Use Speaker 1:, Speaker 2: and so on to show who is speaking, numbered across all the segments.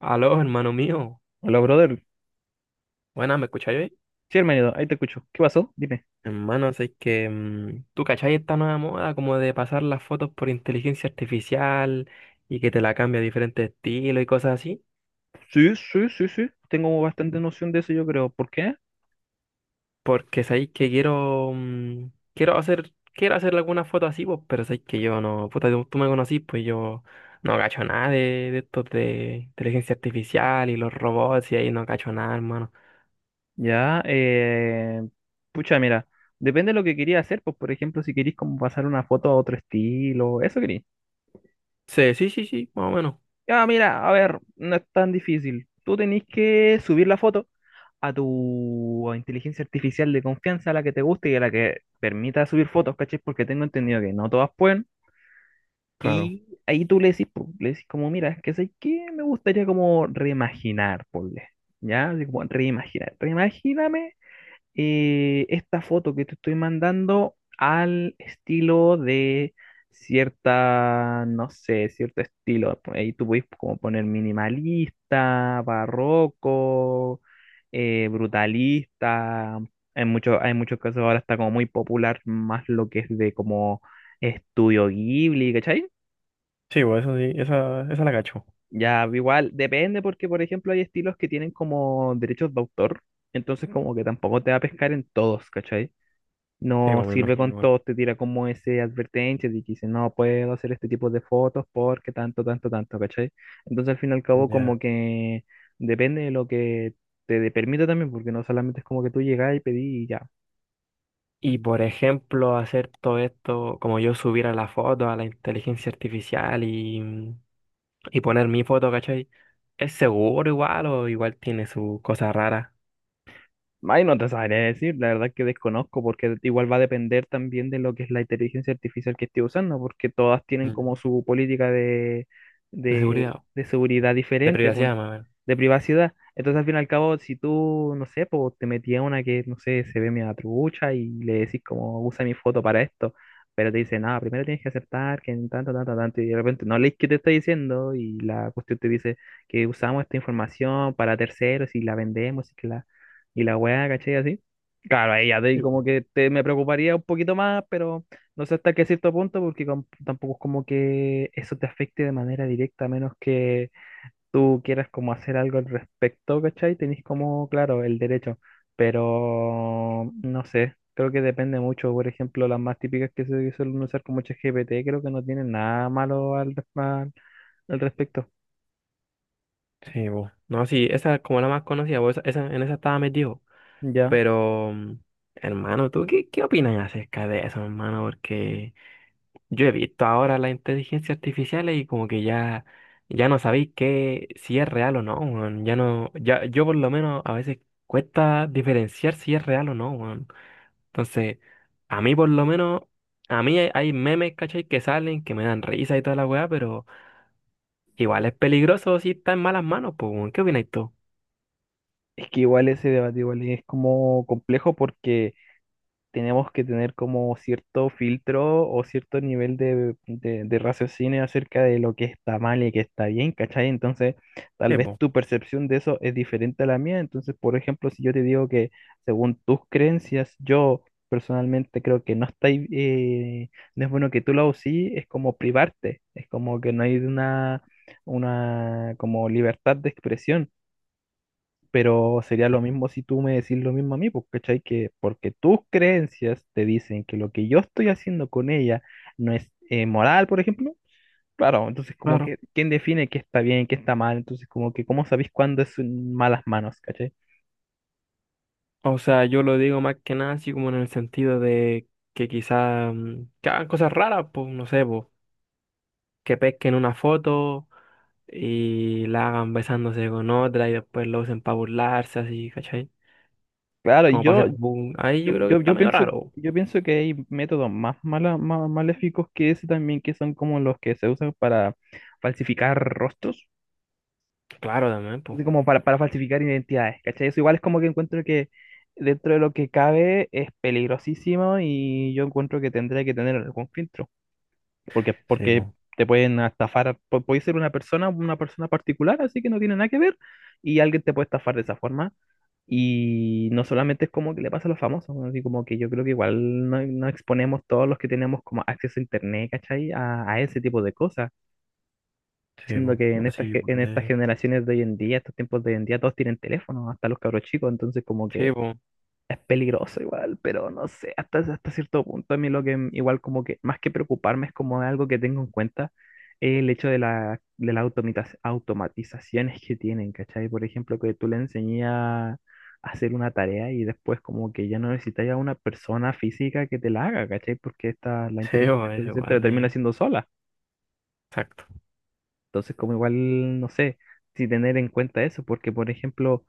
Speaker 1: Aló, hermano mío.
Speaker 2: Hola, brother.
Speaker 1: Buenas, ¿me escucháis hoy?
Speaker 2: Sí, hermanito, ahí te escucho. ¿Qué pasó? Dime.
Speaker 1: Hermano, sé que tú cachai esta nueva moda como de pasar las fotos por inteligencia artificial y que te la cambia a diferentes estilos y cosas así.
Speaker 2: Sí, sí, sí, sí. Tengo bastante noción de eso, yo creo. ¿Por qué?
Speaker 1: Porque sabéis que quiero quiero hacer quiero hacerle algunas fotos así, pues, pero sabéis que yo no, puta, tú me conocís, pues yo no cacho nada de estos de inteligencia artificial y los robots y ahí no cacho nada, hermano.
Speaker 2: Ya, pucha, mira. Depende de lo que quería hacer. Pues, por ejemplo, si querís como pasar una foto a otro estilo. Eso querís.
Speaker 1: Sí, sí, sí, sí, más o menos.
Speaker 2: Ya, mira, a ver. No es tan difícil. Tú tenés que subir la foto a tu inteligencia artificial de confianza, a la que te guste y a la que permita subir fotos, ¿cachai? Porque tengo entendido que no todas pueden.
Speaker 1: Claro.
Speaker 2: Y ahí tú le decís, po, le decís como, mira, es que sé que me gustaría como reimaginar, ponle, ¿ya? Así como reimaginar, reimagíname esta foto que te estoy mandando al estilo de cierta, no sé, cierto estilo. Por ahí tú puedes como poner minimalista, barroco, brutalista. En muchos, hay muchos casos ahora está como muy popular más lo que es de como estudio Ghibli, ¿cachai?
Speaker 1: Sí, pues eso sí, esa la cacho.
Speaker 2: Ya, igual, depende porque, por ejemplo, hay estilos que tienen como derechos de autor, entonces como que tampoco te va a pescar en todos, ¿cachai?
Speaker 1: Sí,
Speaker 2: No
Speaker 1: pues me
Speaker 2: sirve con
Speaker 1: imagino.
Speaker 2: todos, te tira como ese advertencia de que dice, no puedo hacer este tipo de fotos porque tanto, tanto, tanto, ¿cachai? Entonces al fin y al cabo
Speaker 1: Ya.
Speaker 2: como que depende de lo que permita también, porque no solamente es como que tú llegás y pedís y ya.
Speaker 1: Y por ejemplo, hacer todo esto, como yo subir a la foto, a la inteligencia artificial y poner mi foto, ¿cachai? ¿Es seguro igual o igual tiene sus cosas raras?
Speaker 2: Ay, no te sabría decir, la verdad que desconozco, porque igual va a depender también de lo que es la inteligencia artificial que esté usando, porque todas tienen como
Speaker 1: Mm.
Speaker 2: su política de,
Speaker 1: De seguridad,
Speaker 2: de seguridad
Speaker 1: de
Speaker 2: diferente,
Speaker 1: privacidad, más bien?
Speaker 2: de privacidad. Entonces, al fin y al cabo, si tú, no sé, pues te metías una que, no sé, se ve media trucha y le decís como, usa mi foto para esto, pero te dice, nada, primero tienes que aceptar que en tanto, tanto, tanto, y de repente no lees qué te está diciendo y la cuestión te dice que usamos esta información para terceros y la vendemos y la weá, ¿cachai? Así. Claro, ahí
Speaker 1: Sí,
Speaker 2: como
Speaker 1: po.
Speaker 2: que te, me preocuparía un poquito más, pero no sé hasta qué cierto punto, porque tampoco es como que eso te afecte de manera directa, a menos que tú quieras como hacer algo al respecto, ¿cachai? Tenés como, claro, el derecho, pero no sé, creo que depende mucho. Por ejemplo, las más típicas que se suelen usar como ChatGPT, creo que no tienen nada malo al respecto,
Speaker 1: Sí, bo. No, sí, esa es como la más conocida, bo, en esa estaba metido.
Speaker 2: ¿ya?
Speaker 1: Pero, hermano, ¿tú qué opinas acerca de eso, hermano? Porque yo he visto ahora la inteligencia artificial y como que ya no sabéis qué, si es real o no, weón. Ya no, ya, yo por lo menos a veces cuesta diferenciar si es real o no, weón. Entonces, a mí por lo menos, a mí hay memes, ¿cachai? Que salen, que me dan risa y toda la weá, pero igual es peligroso si está en malas manos, pues, weón. ¿Qué opináis tú?
Speaker 2: Es que igual ese debate igual es como complejo porque tenemos que tener como cierto filtro o cierto nivel de, de raciocinio acerca de lo que está mal y que está bien, ¿cachai? Entonces, tal
Speaker 1: Sí,
Speaker 2: vez
Speaker 1: pues.
Speaker 2: tu percepción de eso es diferente a la mía. Entonces, por ejemplo, si yo te digo que según tus creencias, yo personalmente creo que no está, ahí, no es bueno que tú lo sí, es como privarte, es como que no hay una como libertad de expresión pero sería lo mismo si tú me decís lo mismo a mí, pues, ¿cachai? Que porque tus creencias te dicen que lo que yo estoy haciendo con ella no es moral, por ejemplo. Claro, entonces como
Speaker 1: Claro.
Speaker 2: que, ¿quién define qué está bien, qué está mal? Entonces como que, ¿cómo sabéis cuándo es en malas manos, ¿cachai?
Speaker 1: O sea, yo lo digo más que nada así como en el sentido de que quizá que hagan cosas raras, pues, no sé, pues, que pesquen una foto y la hagan besándose con otra y después lo usen para burlarse, así, ¿cachai?
Speaker 2: Claro, y
Speaker 1: Como para
Speaker 2: yo,
Speaker 1: hacer boom. Ahí
Speaker 2: yo,
Speaker 1: yo creo que
Speaker 2: yo,
Speaker 1: está
Speaker 2: yo
Speaker 1: medio
Speaker 2: pienso,
Speaker 1: raro.
Speaker 2: yo pienso que hay métodos más, más maléficos que ese también, que son como los que se usan para falsificar rostros.
Speaker 1: Claro, también, pues.
Speaker 2: Así como para falsificar identidades, ¿cachai? Eso igual es como que encuentro que dentro de lo que cabe es peligrosísimo y yo encuentro que tendría que tener algún filtro, porque,
Speaker 1: Sí,
Speaker 2: porque
Speaker 1: po.
Speaker 2: te pueden estafar, puede ser una persona particular, así que no tiene nada que ver, y alguien te puede estafar de esa forma. Y no solamente es como que le pasa a los famosos, ¿no? Así como que yo creo que igual no, no exponemos todos los que tenemos como acceso a internet, ¿cachai? A ese tipo de cosas.
Speaker 1: Sí,
Speaker 2: Siendo
Speaker 1: po.
Speaker 2: que en
Speaker 1: Así
Speaker 2: estas, en
Speaker 1: igual
Speaker 2: estas
Speaker 1: de-
Speaker 2: generaciones de hoy en día, estos tiempos de hoy en día, todos tienen teléfono, hasta los cabros chicos, entonces como
Speaker 1: Sí,
Speaker 2: que
Speaker 1: pues.
Speaker 2: es peligroso igual, pero no sé, hasta, hasta cierto punto a mí lo que igual como que más que preocuparme es como algo que tengo en cuenta, el hecho de la, de las automatizaciones que tienen, ¿cachai? Por ejemplo, que tú le enseñas a hacer una tarea y después como que ya no necesitas a una persona física que te la haga, ¿cachai? Porque esta, la
Speaker 1: Sí, po,
Speaker 2: inteligencia
Speaker 1: eso
Speaker 2: artificial te la
Speaker 1: igual,
Speaker 2: termina
Speaker 1: ahí.
Speaker 2: haciendo sola.
Speaker 1: Exacto.
Speaker 2: Entonces, como igual, no sé si tener en cuenta eso, porque por ejemplo,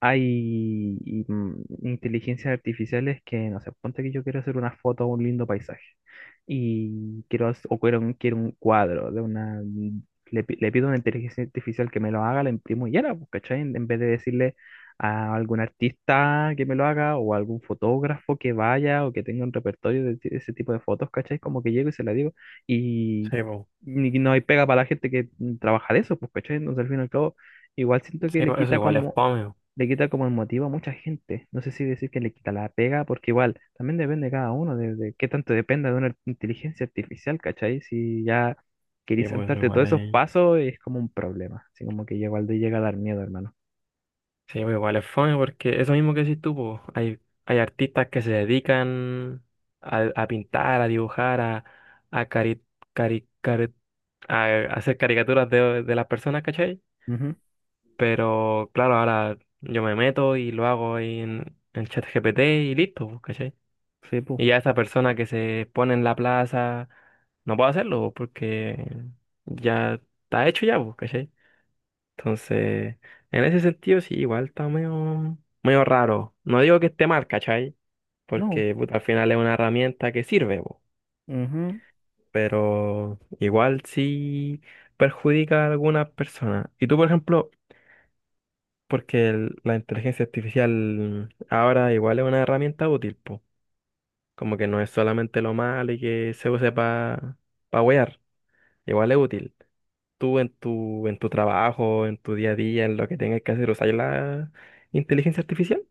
Speaker 2: hay inteligencias artificiales que, no sé, ponte que yo quiero hacer una foto a un lindo paisaje y quiero, hac- o quiero un cuadro de una... Le pido a una inteligencia artificial que me lo haga, la imprimo y ya, la, pues, ¿cachai? En vez de decirle a algún artista que me lo haga o a algún fotógrafo que vaya o que tenga un repertorio de ese tipo de fotos, ¿cachai? Como que llego y se la digo y,
Speaker 1: Sí, po.
Speaker 2: no hay pega para la gente que trabaja de eso, pues, ¿cachai? Entonces al fin y al cabo, igual siento que
Speaker 1: Sí, po, eso igual es fome. Po.
Speaker 2: le quita como el motivo a mucha gente. No sé si decir que le quita la pega, porque igual también depende de cada uno, de qué tanto dependa de una inteligencia artificial, ¿cachai? Si ya
Speaker 1: Sí,
Speaker 2: querís
Speaker 1: po, eso
Speaker 2: saltarte
Speaker 1: igual
Speaker 2: todos esos
Speaker 1: de-
Speaker 2: pasos, es como un problema. Así como que ya igual te llega a dar miedo, hermano.
Speaker 1: Sí, pues igual es fome porque eso mismo que decís tú, po, hay artistas que se dedican a pintar, a dibujar, a, a, cari- cari- cari- a hacer caricaturas de las personas, ¿cachai?
Speaker 2: Ujú.
Speaker 1: Pero claro, ahora yo me meto y lo hago ahí en ChatGPT y listo, pues, ¿cachai?
Speaker 2: Sí, pues.
Speaker 1: Y ya esa persona que se pone en la plaza no puede hacerlo pues, porque ya está hecho ya, pues, ¿cachai? Entonces, en ese sentido sí, igual está medio, medio raro. No digo que esté mal, ¿cachai?
Speaker 2: No.
Speaker 1: Porque puta, al final es una herramienta que sirve, pues,
Speaker 2: Ujú.
Speaker 1: pero igual sí perjudica a algunas personas. Y tú, por ejemplo, porque la inteligencia artificial ahora igual es una herramienta útil, po. Como que no es solamente lo malo y que se use para pa wear, igual es útil. Tú en tu trabajo, en tu día a día, en lo que tengas que hacer, usar la inteligencia artificial.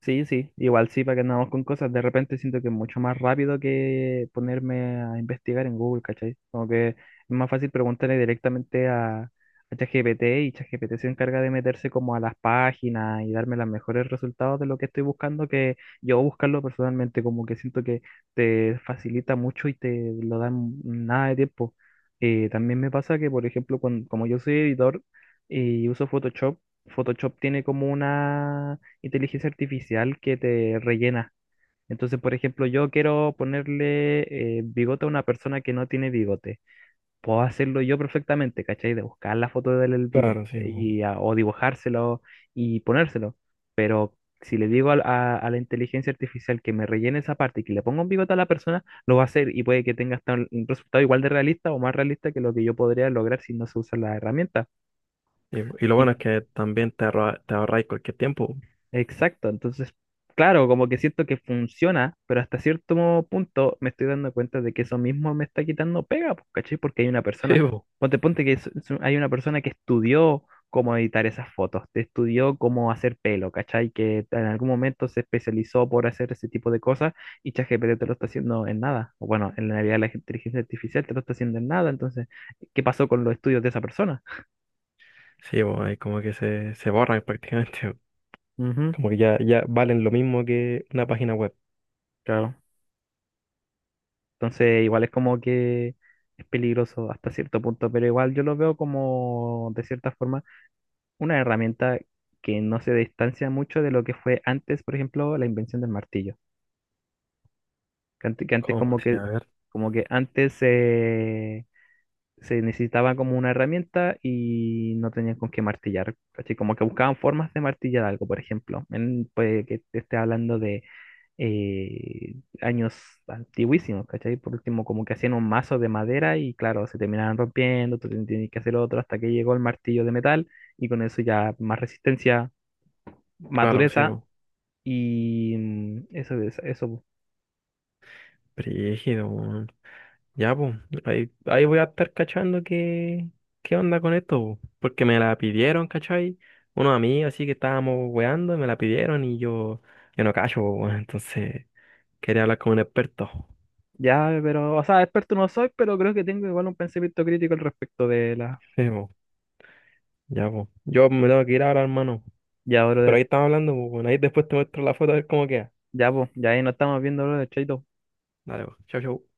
Speaker 2: Sí, sí, igual sí, para que andamos con cosas. De repente siento que es mucho más rápido que ponerme a investigar en Google, ¿cachai? Como que es más fácil preguntarle directamente a ChatGPT y ChatGPT se encarga de meterse como a las páginas y darme los mejores resultados de lo que estoy buscando que yo buscarlo personalmente, como que siento que te facilita mucho y te lo dan nada de tiempo. También me pasa que, por ejemplo, cuando, como yo soy editor y uso Photoshop, Photoshop tiene como una inteligencia artificial que te rellena. Entonces, por ejemplo, yo quiero ponerle bigote a una persona que no tiene bigote. Puedo hacerlo yo perfectamente, ¿cachai? De buscar la foto del bigote
Speaker 1: Claro, sí, po.
Speaker 2: y, a- o dibujárselo y ponérselo. Pero si le digo a la inteligencia artificial que me rellene esa parte y que le ponga un bigote a la persona, lo va a hacer y puede que tenga hasta un resultado igual de realista o más realista que lo que yo podría lograr si no se usa la herramienta.
Speaker 1: Y lo bueno es que también te ahorráis cualquier tiempo.
Speaker 2: Exacto, entonces, claro, como que siento que funciona, pero hasta cierto punto me estoy dando cuenta de que eso mismo me está quitando pega, pues, ¿cachai? Porque hay una
Speaker 1: Sí,
Speaker 2: persona,
Speaker 1: po.
Speaker 2: ponte que hay una persona que estudió cómo editar esas fotos, te estudió cómo hacer pelo, ¿cachai? Que en algún momento se especializó por hacer ese tipo de cosas y ChatGPT te lo está haciendo en nada. O bueno, en realidad la inteligencia artificial te lo está haciendo en nada, entonces, ¿qué pasó con los estudios de esa persona?
Speaker 1: Sí, pues ahí como que se borran prácticamente.
Speaker 2: Ujú,
Speaker 1: Como que ya valen lo mismo que una página web.
Speaker 2: claro. Entonces, igual es como que es peligroso hasta cierto punto, pero igual yo lo veo como, de cierta forma, una herramienta que no se distancia mucho de lo que fue antes, por ejemplo, la invención del martillo. Que antes
Speaker 1: ¿Cómo? Sí. A ver.
Speaker 2: como que antes se necesitaba como una herramienta y no tenían con qué martillar, ¿cachai? Como que buscaban formas de martillar algo, por ejemplo. Puede que te esté hablando de eh, años antiguísimos, ¿cachai? Por último, como que hacían un mazo de madera y claro, se terminaban rompiendo, tenías que hacer otro hasta que llegó el martillo de metal y con eso ya más resistencia, más
Speaker 1: Claro, sí,
Speaker 2: dureza
Speaker 1: pues.
Speaker 2: y eso, eso. Po.
Speaker 1: Brígido, po. Ya, pues, ahí voy a estar cachando qué onda con esto, po, porque me la pidieron, ¿cachai? Unos amigos así que estábamos weando, me la pidieron yo no cacho, po, weón, entonces quería hablar con un experto.
Speaker 2: Ya, pero, o sea, experto no soy, pero creo que tengo igual un pensamiento crítico al respecto de la...
Speaker 1: Sí, po, ya, pues. Yo me tengo que ir ahora, hermano.
Speaker 2: Ya,
Speaker 1: Pero
Speaker 2: brother,
Speaker 1: ahí estamos hablando, pues, ahí después te muestro la foto a ver cómo queda.
Speaker 2: ya, pues, ya ahí nos estamos viendo, brother, chaito.
Speaker 1: Dale, pues, chau, chau.